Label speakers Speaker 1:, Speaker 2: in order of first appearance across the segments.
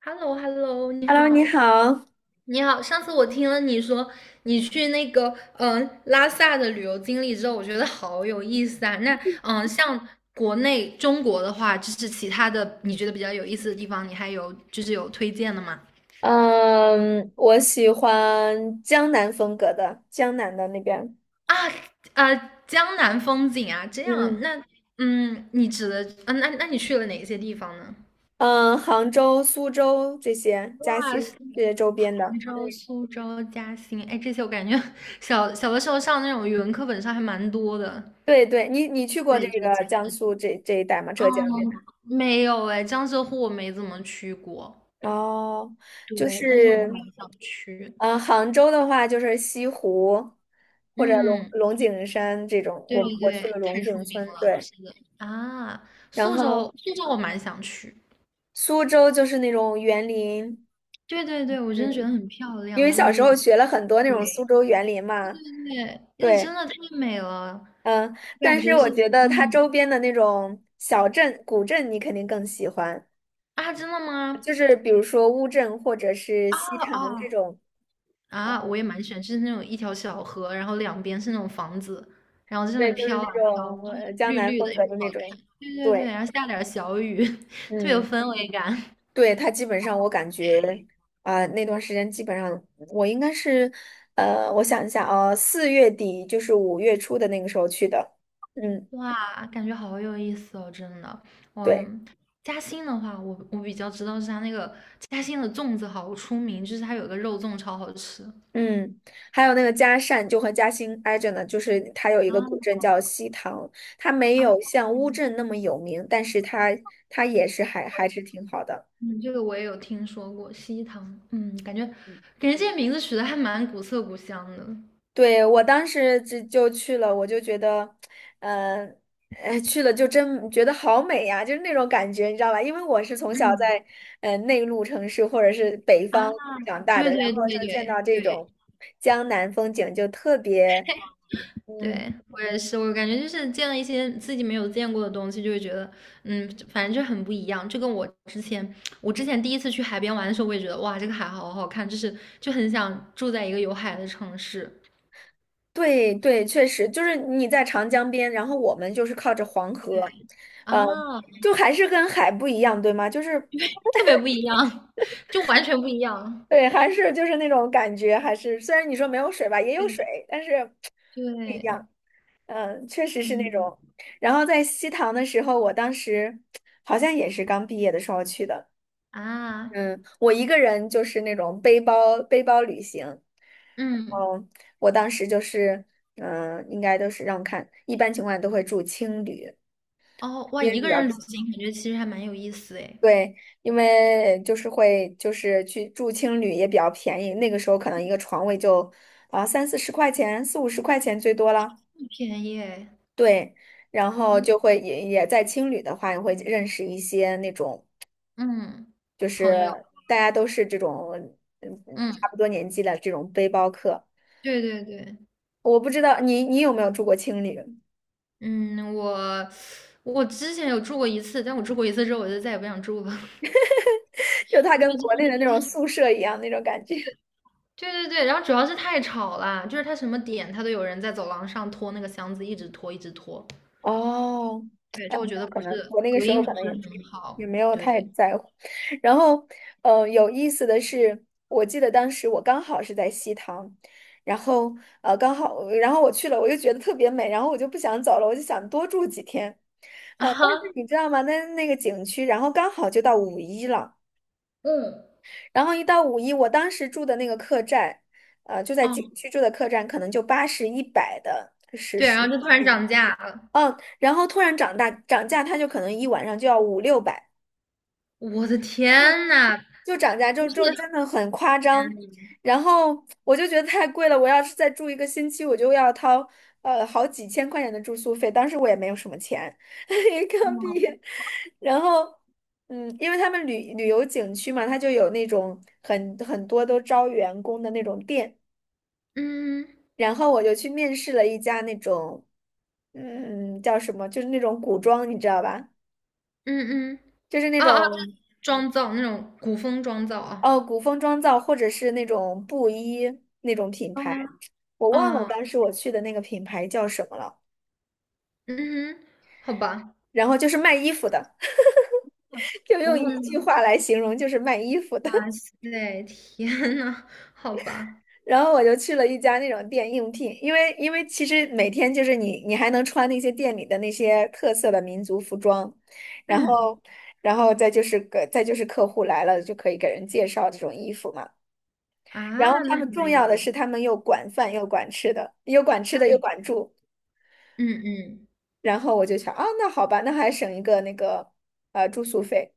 Speaker 1: h e l l o h e l l o 你
Speaker 2: Hello，你
Speaker 1: 好，
Speaker 2: 好。
Speaker 1: 你好。上次我听了你说你去那个拉萨的旅游经历之后，我觉得好有意思啊。那像国内中国的话，就是其他的你觉得比较有意思的地方，你还有就是有推荐的吗？
Speaker 2: 嗯，我喜欢江南风格的，江南的那边。
Speaker 1: 啊呃，江南风景啊，这样。
Speaker 2: 嗯
Speaker 1: 那你指的那你去了哪些地方呢？
Speaker 2: 嗯，杭州、苏州这些，嘉
Speaker 1: 哇，
Speaker 2: 兴
Speaker 1: 是
Speaker 2: 这些周边的。
Speaker 1: 杭州、
Speaker 2: 嗯，
Speaker 1: 苏州、嘉兴，哎，这些我感觉 小小的时候上那种语文课本上还蛮多的。
Speaker 2: 对对，你去过这
Speaker 1: 对，就
Speaker 2: 个
Speaker 1: 讲
Speaker 2: 江
Speaker 1: 的，
Speaker 2: 苏这一带吗？
Speaker 1: 嗯，
Speaker 2: 浙江这边？
Speaker 1: 没有哎，江浙沪我没怎么去过，
Speaker 2: 哦，就
Speaker 1: 对，但是我还蛮
Speaker 2: 是，
Speaker 1: 想去。
Speaker 2: 杭州的话就是西湖或者龙
Speaker 1: 嗯，
Speaker 2: 龙井山这种，
Speaker 1: 对
Speaker 2: 我
Speaker 1: 对
Speaker 2: 我去了
Speaker 1: 对，太
Speaker 2: 龙
Speaker 1: 出
Speaker 2: 井
Speaker 1: 名
Speaker 2: 村，
Speaker 1: 了，
Speaker 2: 对，
Speaker 1: 是的，啊，
Speaker 2: 然
Speaker 1: 苏
Speaker 2: 后
Speaker 1: 州，苏州我蛮想去，
Speaker 2: 苏州就是那种园林。
Speaker 1: 对对对，我真的觉
Speaker 2: 嗯。
Speaker 1: 得很漂
Speaker 2: 因
Speaker 1: 亮，
Speaker 2: 为
Speaker 1: 就是
Speaker 2: 小时
Speaker 1: 那
Speaker 2: 候
Speaker 1: 种，
Speaker 2: 学了很多那种苏
Speaker 1: 对，
Speaker 2: 州园林
Speaker 1: 对，
Speaker 2: 嘛，
Speaker 1: 对，那真
Speaker 2: 对，
Speaker 1: 的太美了，
Speaker 2: 嗯，
Speaker 1: 我感
Speaker 2: 但是
Speaker 1: 觉
Speaker 2: 我
Speaker 1: 是。
Speaker 2: 觉得它
Speaker 1: 嗯，
Speaker 2: 周边的那种小镇、古镇，你肯定更喜欢，
Speaker 1: 啊，真的吗？
Speaker 2: 就是比如说乌镇或者是
Speaker 1: 啊
Speaker 2: 西
Speaker 1: 啊，
Speaker 2: 塘这种，
Speaker 1: 啊，我也蛮喜欢，就是那种一条小河，然后两边是那种房子，然后在上
Speaker 2: 对，
Speaker 1: 面
Speaker 2: 就是
Speaker 1: 飘
Speaker 2: 那
Speaker 1: 啊
Speaker 2: 种
Speaker 1: 飘，就是
Speaker 2: 江
Speaker 1: 绿
Speaker 2: 南
Speaker 1: 绿
Speaker 2: 风
Speaker 1: 的，又
Speaker 2: 格的
Speaker 1: 很好
Speaker 2: 那种，
Speaker 1: 看。对对对，
Speaker 2: 对，
Speaker 1: 然后下点儿小雨，特别有
Speaker 2: 嗯，
Speaker 1: 氛围感。
Speaker 2: 对，它基本上我感觉那段时间基本上我应该是，我想一下啊，4月底就是5月初的那个时候去的。嗯。
Speaker 1: 哇，感觉好有意思哦，真的。我
Speaker 2: 对。
Speaker 1: 嘉兴的话，我比较知道是它那个嘉兴的粽子好出名，就是它有个肉粽超好吃。
Speaker 2: 嗯，还有那个嘉善，就和嘉兴挨着呢，就是它有一个古
Speaker 1: 啊
Speaker 2: 镇叫西塘，它没
Speaker 1: 啊，
Speaker 2: 有像乌镇那么有名，但是它也是还是挺好的。
Speaker 1: 嗯，这个我也有听说过，西塘。嗯，感觉
Speaker 2: 嗯，
Speaker 1: 感觉这些名字取得还蛮古色古香的。
Speaker 2: 对，我当时就去了，我就觉得，呃，去了就真觉得好美呀，就是那种感觉，你知道吧？因为我是从小
Speaker 1: 嗯。
Speaker 2: 在内陆城市或者是北
Speaker 1: 啊。
Speaker 2: 方长大
Speaker 1: 对
Speaker 2: 的，然
Speaker 1: 对
Speaker 2: 后
Speaker 1: 对
Speaker 2: 就见
Speaker 1: 对
Speaker 2: 到这
Speaker 1: 对
Speaker 2: 种江南风景就特别。嗯。
Speaker 1: 对，我也是，我感觉就是见了一些自己没有见过的东西，就会觉得，嗯，反正就很不一样。就跟我之前第一次去海边玩的时候，我也觉得，哇，这个海好好看，就是就很想住在一个有海的城市
Speaker 2: 对对，确实就是你在长江边，然后我们就是靠着黄河，呃，
Speaker 1: 啊，
Speaker 2: 就还是跟海不一样，对吗？就是
Speaker 1: 特别不一样，就完全不一样。
Speaker 2: 对，还是就是那种感觉，还是虽然你说没有水吧，也有
Speaker 1: 对
Speaker 2: 水，但是，
Speaker 1: 对，
Speaker 2: 嗯、确实是那
Speaker 1: 嗯
Speaker 2: 种。然后在西塘的时候，我当时好像也是刚毕业的时候去的，
Speaker 1: 啊，
Speaker 2: 嗯，我一个人就是那种背包旅行，
Speaker 1: 嗯，
Speaker 2: 嗯，我当时就是，应该都是让我看，一般情况下都会住青旅。
Speaker 1: 哦，哇，
Speaker 2: 也
Speaker 1: 一
Speaker 2: 比
Speaker 1: 个
Speaker 2: 较
Speaker 1: 人
Speaker 2: 便
Speaker 1: 旅行感觉其实还蛮有意思诶，
Speaker 2: 对，因为就是会就是去住青旅也比较便宜，那个时候可能一个床位就30-40块钱，40-50块钱最多了。
Speaker 1: 不便宜诶，
Speaker 2: 对，然后
Speaker 1: 嗯
Speaker 2: 就会也在青旅的话，也会认识一些那种
Speaker 1: 嗯，
Speaker 2: 就
Speaker 1: 朋友，
Speaker 2: 是大家都是这种
Speaker 1: 嗯。
Speaker 2: 差不多年纪的这种背包客。
Speaker 1: 对对对，
Speaker 2: 我不知道你有没有住过青旅，
Speaker 1: 嗯，我之前有住过一次，但我住过一次之后，我就再也不想住了，
Speaker 2: 就它
Speaker 1: 因
Speaker 2: 跟
Speaker 1: 为真
Speaker 2: 国内
Speaker 1: 的。
Speaker 2: 的那种宿舍一样那种感觉。
Speaker 1: 对对对，然后主要是太吵了，就是它什么点它都有人在走廊上拖那个箱子，一直拖一直拖，
Speaker 2: 哦，
Speaker 1: 对，就我觉得
Speaker 2: 可
Speaker 1: 不
Speaker 2: 能
Speaker 1: 是
Speaker 2: 我那个
Speaker 1: 隔
Speaker 2: 时候
Speaker 1: 音
Speaker 2: 可
Speaker 1: 不
Speaker 2: 能
Speaker 1: 是
Speaker 2: 也
Speaker 1: 很
Speaker 2: 也
Speaker 1: 好，
Speaker 2: 没有太
Speaker 1: 对
Speaker 2: 在乎。然后，有意思的是，我记得当时我刚好是在西塘，然后刚好，然后我去了，我就觉得特别美，然后我就不想走了，我就想多住几天。
Speaker 1: 啊
Speaker 2: 但是
Speaker 1: 哈，
Speaker 2: 你知道吗？那个景区，然后刚好就到五一了，
Speaker 1: 嗯
Speaker 2: 然后一到五一，我当时住的那个客栈，就在景
Speaker 1: 哦
Speaker 2: 区住的客栈，可能就80-100的是
Speaker 1: 对，
Speaker 2: 是，
Speaker 1: 然后就突然涨价了，
Speaker 2: 嗯，然后突然涨价，它就可能一晚上就要500-600。
Speaker 1: 我的天呐，
Speaker 2: 就涨价就
Speaker 1: 不是，
Speaker 2: 就真的很夸张，然后我就觉得太贵了，我要是再住一个星期，我就要掏好几千块钱的住宿费，当时我也没有什么钱，一个币，然后因为他们旅游景区嘛，它就有那种很多都招员工的那种店，
Speaker 1: 嗯
Speaker 2: 然后我就去面试了一家那种叫什么，就是那种古装，你知道吧？
Speaker 1: 嗯嗯，
Speaker 2: 就是那
Speaker 1: 啊啊，就
Speaker 2: 种。
Speaker 1: 是妆造那种古风妆造啊，
Speaker 2: 哦，古风妆造或者是那种布衣那种品牌，
Speaker 1: 嗯
Speaker 2: 我忘
Speaker 1: 嗯。
Speaker 2: 了
Speaker 1: 哦
Speaker 2: 当时我去的那个品牌叫什么了。
Speaker 1: 嗯哼，好吧。
Speaker 2: 然后就是卖衣服的，就用
Speaker 1: 然后
Speaker 2: 一句
Speaker 1: 呢，
Speaker 2: 话来形容，就是卖衣服的。
Speaker 1: 哇 塞，天呐，好吧。
Speaker 2: 然后我就去了一家那种店应聘，因为其实每天就是你还能穿那些店里的那些特色的民族服装，然
Speaker 1: 嗯，
Speaker 2: 后再就是个再就是客户来了就可以给人介绍这种衣服嘛。然后
Speaker 1: 啊，
Speaker 2: 他
Speaker 1: 那还
Speaker 2: 们重
Speaker 1: 蛮有
Speaker 2: 要的
Speaker 1: 意
Speaker 2: 是他
Speaker 1: 思。
Speaker 2: 们又管饭又管吃的，又管吃的又管住。
Speaker 1: 嗯嗯，
Speaker 2: 然后我就想啊，那好吧，那还省一个那个住宿费。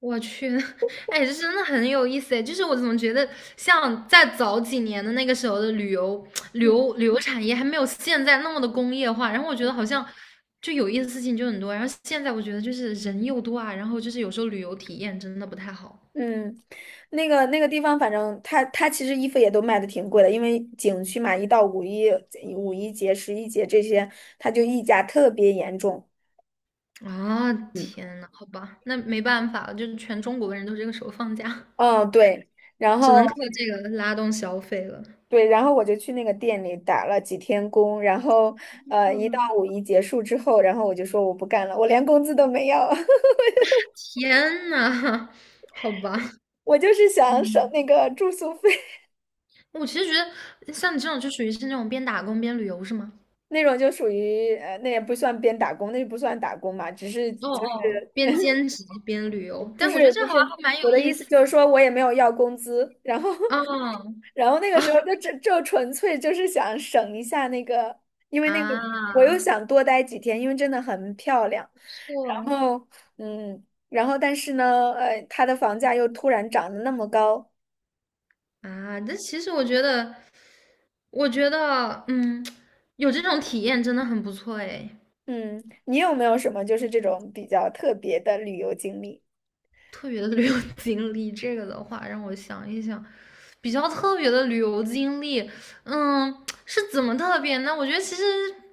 Speaker 1: 我去，哎，这真的很有意思哎。就是我怎么觉得，像在早几年的那个时候的
Speaker 2: 嗯
Speaker 1: 旅游产业还没有现在那么的工业化，然后我觉得好
Speaker 2: 嗯
Speaker 1: 像就有意思的事情就很多。然后现在我觉得就是人又多啊，然后就是有时候旅游体验真的不太好
Speaker 2: 嗯，那个地方，反正它其实衣服也都卖的挺贵的，因为景区嘛，一到五一、五一节、十一节这些，它就溢价特别严重。
Speaker 1: 啊。
Speaker 2: 嗯，
Speaker 1: 天呐，好吧，那没办法了，就是全中国的人都这个时候放假。
Speaker 2: 嗯，对，然
Speaker 1: 只
Speaker 2: 后
Speaker 1: 能靠这个拉动消费了。
Speaker 2: 对，然后我就去那个店里打了几天工，然后一到
Speaker 1: 嗯。
Speaker 2: 五一结束之后，然后我就说我不干了，我连工资都没要，
Speaker 1: 天呐，好吧，
Speaker 2: 我就是想省
Speaker 1: 嗯。
Speaker 2: 那个住宿费。
Speaker 1: 我其实觉得像你这种就属于是那种边打工边旅游是吗？
Speaker 2: 那种就属于，那也不算边打工，那不算打工嘛，只是
Speaker 1: 哦
Speaker 2: 就
Speaker 1: 哦。
Speaker 2: 是
Speaker 1: 边兼职边旅游，
Speaker 2: 就
Speaker 1: 但我觉得
Speaker 2: 是
Speaker 1: 这
Speaker 2: 不
Speaker 1: 好
Speaker 2: 是
Speaker 1: 像还蛮有
Speaker 2: 我的意
Speaker 1: 意
Speaker 2: 思
Speaker 1: 思
Speaker 2: 就是
Speaker 1: 的。
Speaker 2: 说我也没有要工资，然后
Speaker 1: 嗯
Speaker 2: 然后那个时候就纯粹就是想省一下那个，因为那个我又
Speaker 1: 啊。
Speaker 2: 想多待几天，因为真的很漂亮，然
Speaker 1: 错。
Speaker 2: 后嗯，然后但是呢，它的房价又突然涨得那么高，
Speaker 1: 啊，这其实我觉得，嗯，有这种体验真的很不错哎。
Speaker 2: 嗯，你有没有什么就是这种比较特别的旅游经历？
Speaker 1: 特别的旅游经历，这个的话让我想一想，比较特别的旅游经历，嗯，是怎么特别呢？我觉得其实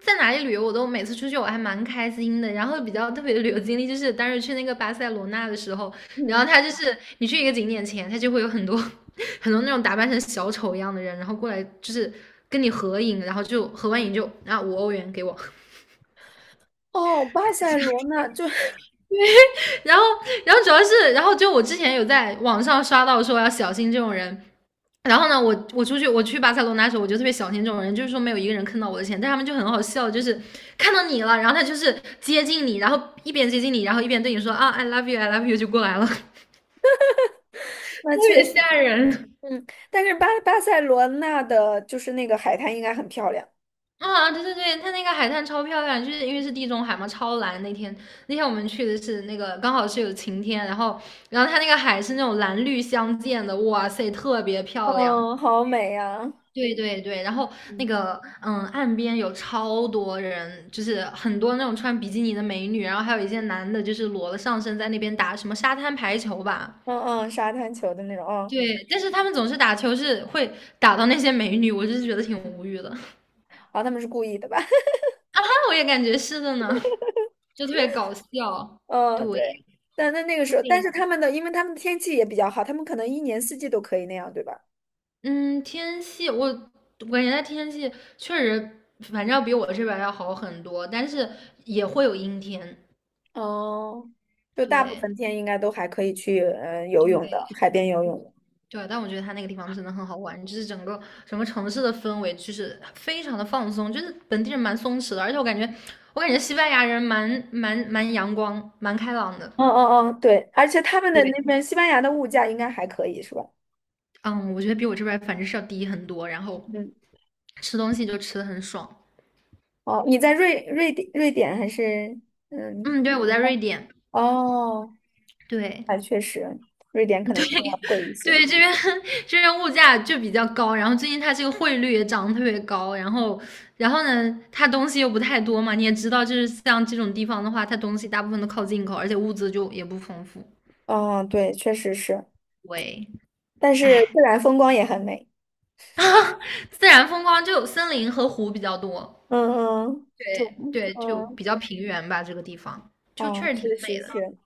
Speaker 1: 在哪里旅游，我都每次出去我还蛮开心的。然后比较特别的旅游经历就是当时去那个巴塞罗那的时候，然后
Speaker 2: 嗯。
Speaker 1: 他就是你去一个景点前，他就会有很多 很多那种打扮成小丑一样的人，然后过来就是跟你合影，然后就合完影就啊5欧元给我，
Speaker 2: 哦，巴塞罗那就
Speaker 1: 然后然后主要是然后就我之前有在网上刷到说要小心这种人，然后呢，我出去我去巴塞罗那的时候，我就特别小心这种人，就是说没有一个人坑到我的钱，但他们就很好笑，就是看到你了，然后他就是接近你，然后一边接近你，然后一边对你说啊，I love you，I love you 就过来了，特
Speaker 2: 那确
Speaker 1: 别
Speaker 2: 实。
Speaker 1: 吓人。
Speaker 2: 嗯，但是巴塞罗那的就是那个海滩应该很漂亮，
Speaker 1: 啊，对对对，他那个海滩超漂亮，就是因为是地中海嘛，超蓝。那天我们去的是那个刚好是有晴天，然后他那个海是那种蓝绿相间的，哇塞，特别漂亮。
Speaker 2: 嗯，好美呀、
Speaker 1: 对对对，然后那
Speaker 2: 嗯
Speaker 1: 个嗯，岸边有超多人，就是很多那种穿比基尼的美女，然后还有一些男的，就是裸了上身在那边打什么沙滩排球吧。
Speaker 2: 嗯，沙滩球的那种，嗯，
Speaker 1: 对，但是他们总是打球是会打到那些美女，我就是觉得挺无语的 啊，
Speaker 2: 啊，他们是故意的吧？
Speaker 1: 我也感觉是的呢，就特别搞笑。
Speaker 2: 嗯，
Speaker 1: 对
Speaker 2: 对，但那个时候，
Speaker 1: 对
Speaker 2: 但
Speaker 1: 呀，
Speaker 2: 是他们的，因为他们的天气也比较好，他们可能一年四季都可以那样，对吧？
Speaker 1: 嗯，天气我感觉它天气确实，反正要比我这边儿要好很多，但是也会有阴天。
Speaker 2: 哦，就大部分
Speaker 1: 对
Speaker 2: 天应该都还可以去，游泳
Speaker 1: 对。
Speaker 2: 的，海边游泳的
Speaker 1: 对，但我觉得它那个地方真的很好玩，就是整个城市的氛围就是非常的放松，就是本地人蛮松弛的，而且我感觉西班牙人蛮阳光、蛮开朗的。
Speaker 2: 嗯，对，而且他们的那
Speaker 1: 对，
Speaker 2: 边西班牙的物价应该还可以，是吧？
Speaker 1: 嗯，我觉得比我这边儿反正是要低很多，然后
Speaker 2: 嗯，
Speaker 1: 吃东西就吃的很爽。
Speaker 2: 哦，你在瑞典还是嗯？
Speaker 1: 嗯，对，我在瑞典。
Speaker 2: 哦，
Speaker 1: 对，
Speaker 2: 哎，确实，瑞典可
Speaker 1: 对
Speaker 2: 能更要贵一 些。
Speaker 1: 对，这边 这边物价就比较高，然后最近它这个汇率也涨得特别高，然后呢，它东西又不太多嘛，你也知道，就是像这种地方的话，它东西大部分都靠进口，而且物资就也不丰富。
Speaker 2: 哦，对，确实是，
Speaker 1: 喂，
Speaker 2: 但是
Speaker 1: 哎，
Speaker 2: 自然风光也很美。
Speaker 1: 自然风光就森林和湖比较多。
Speaker 2: 嗯
Speaker 1: 对
Speaker 2: 嗯
Speaker 1: 对，就比
Speaker 2: 嗯，
Speaker 1: 较平原吧，这个地方就确
Speaker 2: 哦，
Speaker 1: 实挺
Speaker 2: 确
Speaker 1: 美
Speaker 2: 实
Speaker 1: 的。
Speaker 2: 是，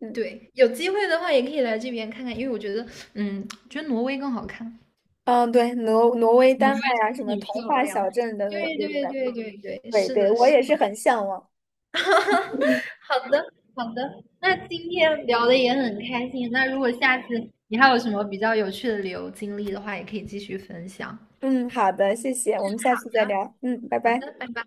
Speaker 2: 嗯
Speaker 1: 对，有机会的话也可以来这边看看，因为我觉得，嗯，觉得挪威更好看。
Speaker 2: 嗯，对，挪威、
Speaker 1: 挪
Speaker 2: 丹
Speaker 1: 威
Speaker 2: 麦啊，
Speaker 1: 真
Speaker 2: 什
Speaker 1: 的
Speaker 2: 么
Speaker 1: 很
Speaker 2: 童
Speaker 1: 漂
Speaker 2: 话
Speaker 1: 亮。
Speaker 2: 小镇的
Speaker 1: 对
Speaker 2: 这种
Speaker 1: 对
Speaker 2: 的，
Speaker 1: 对对对，
Speaker 2: 对
Speaker 1: 是
Speaker 2: 对，
Speaker 1: 的，
Speaker 2: 我
Speaker 1: 是
Speaker 2: 也
Speaker 1: 的。
Speaker 2: 是很向往。嗯
Speaker 1: 好的，好的。那今天聊的也很开心。那如果下次你还有什么比较有趣的旅游经历的话，也可以继续分享。
Speaker 2: 嗯，好的，谢谢，我们下
Speaker 1: 好
Speaker 2: 次再
Speaker 1: 的，
Speaker 2: 聊。嗯，拜
Speaker 1: 好
Speaker 2: 拜。
Speaker 1: 的，拜拜。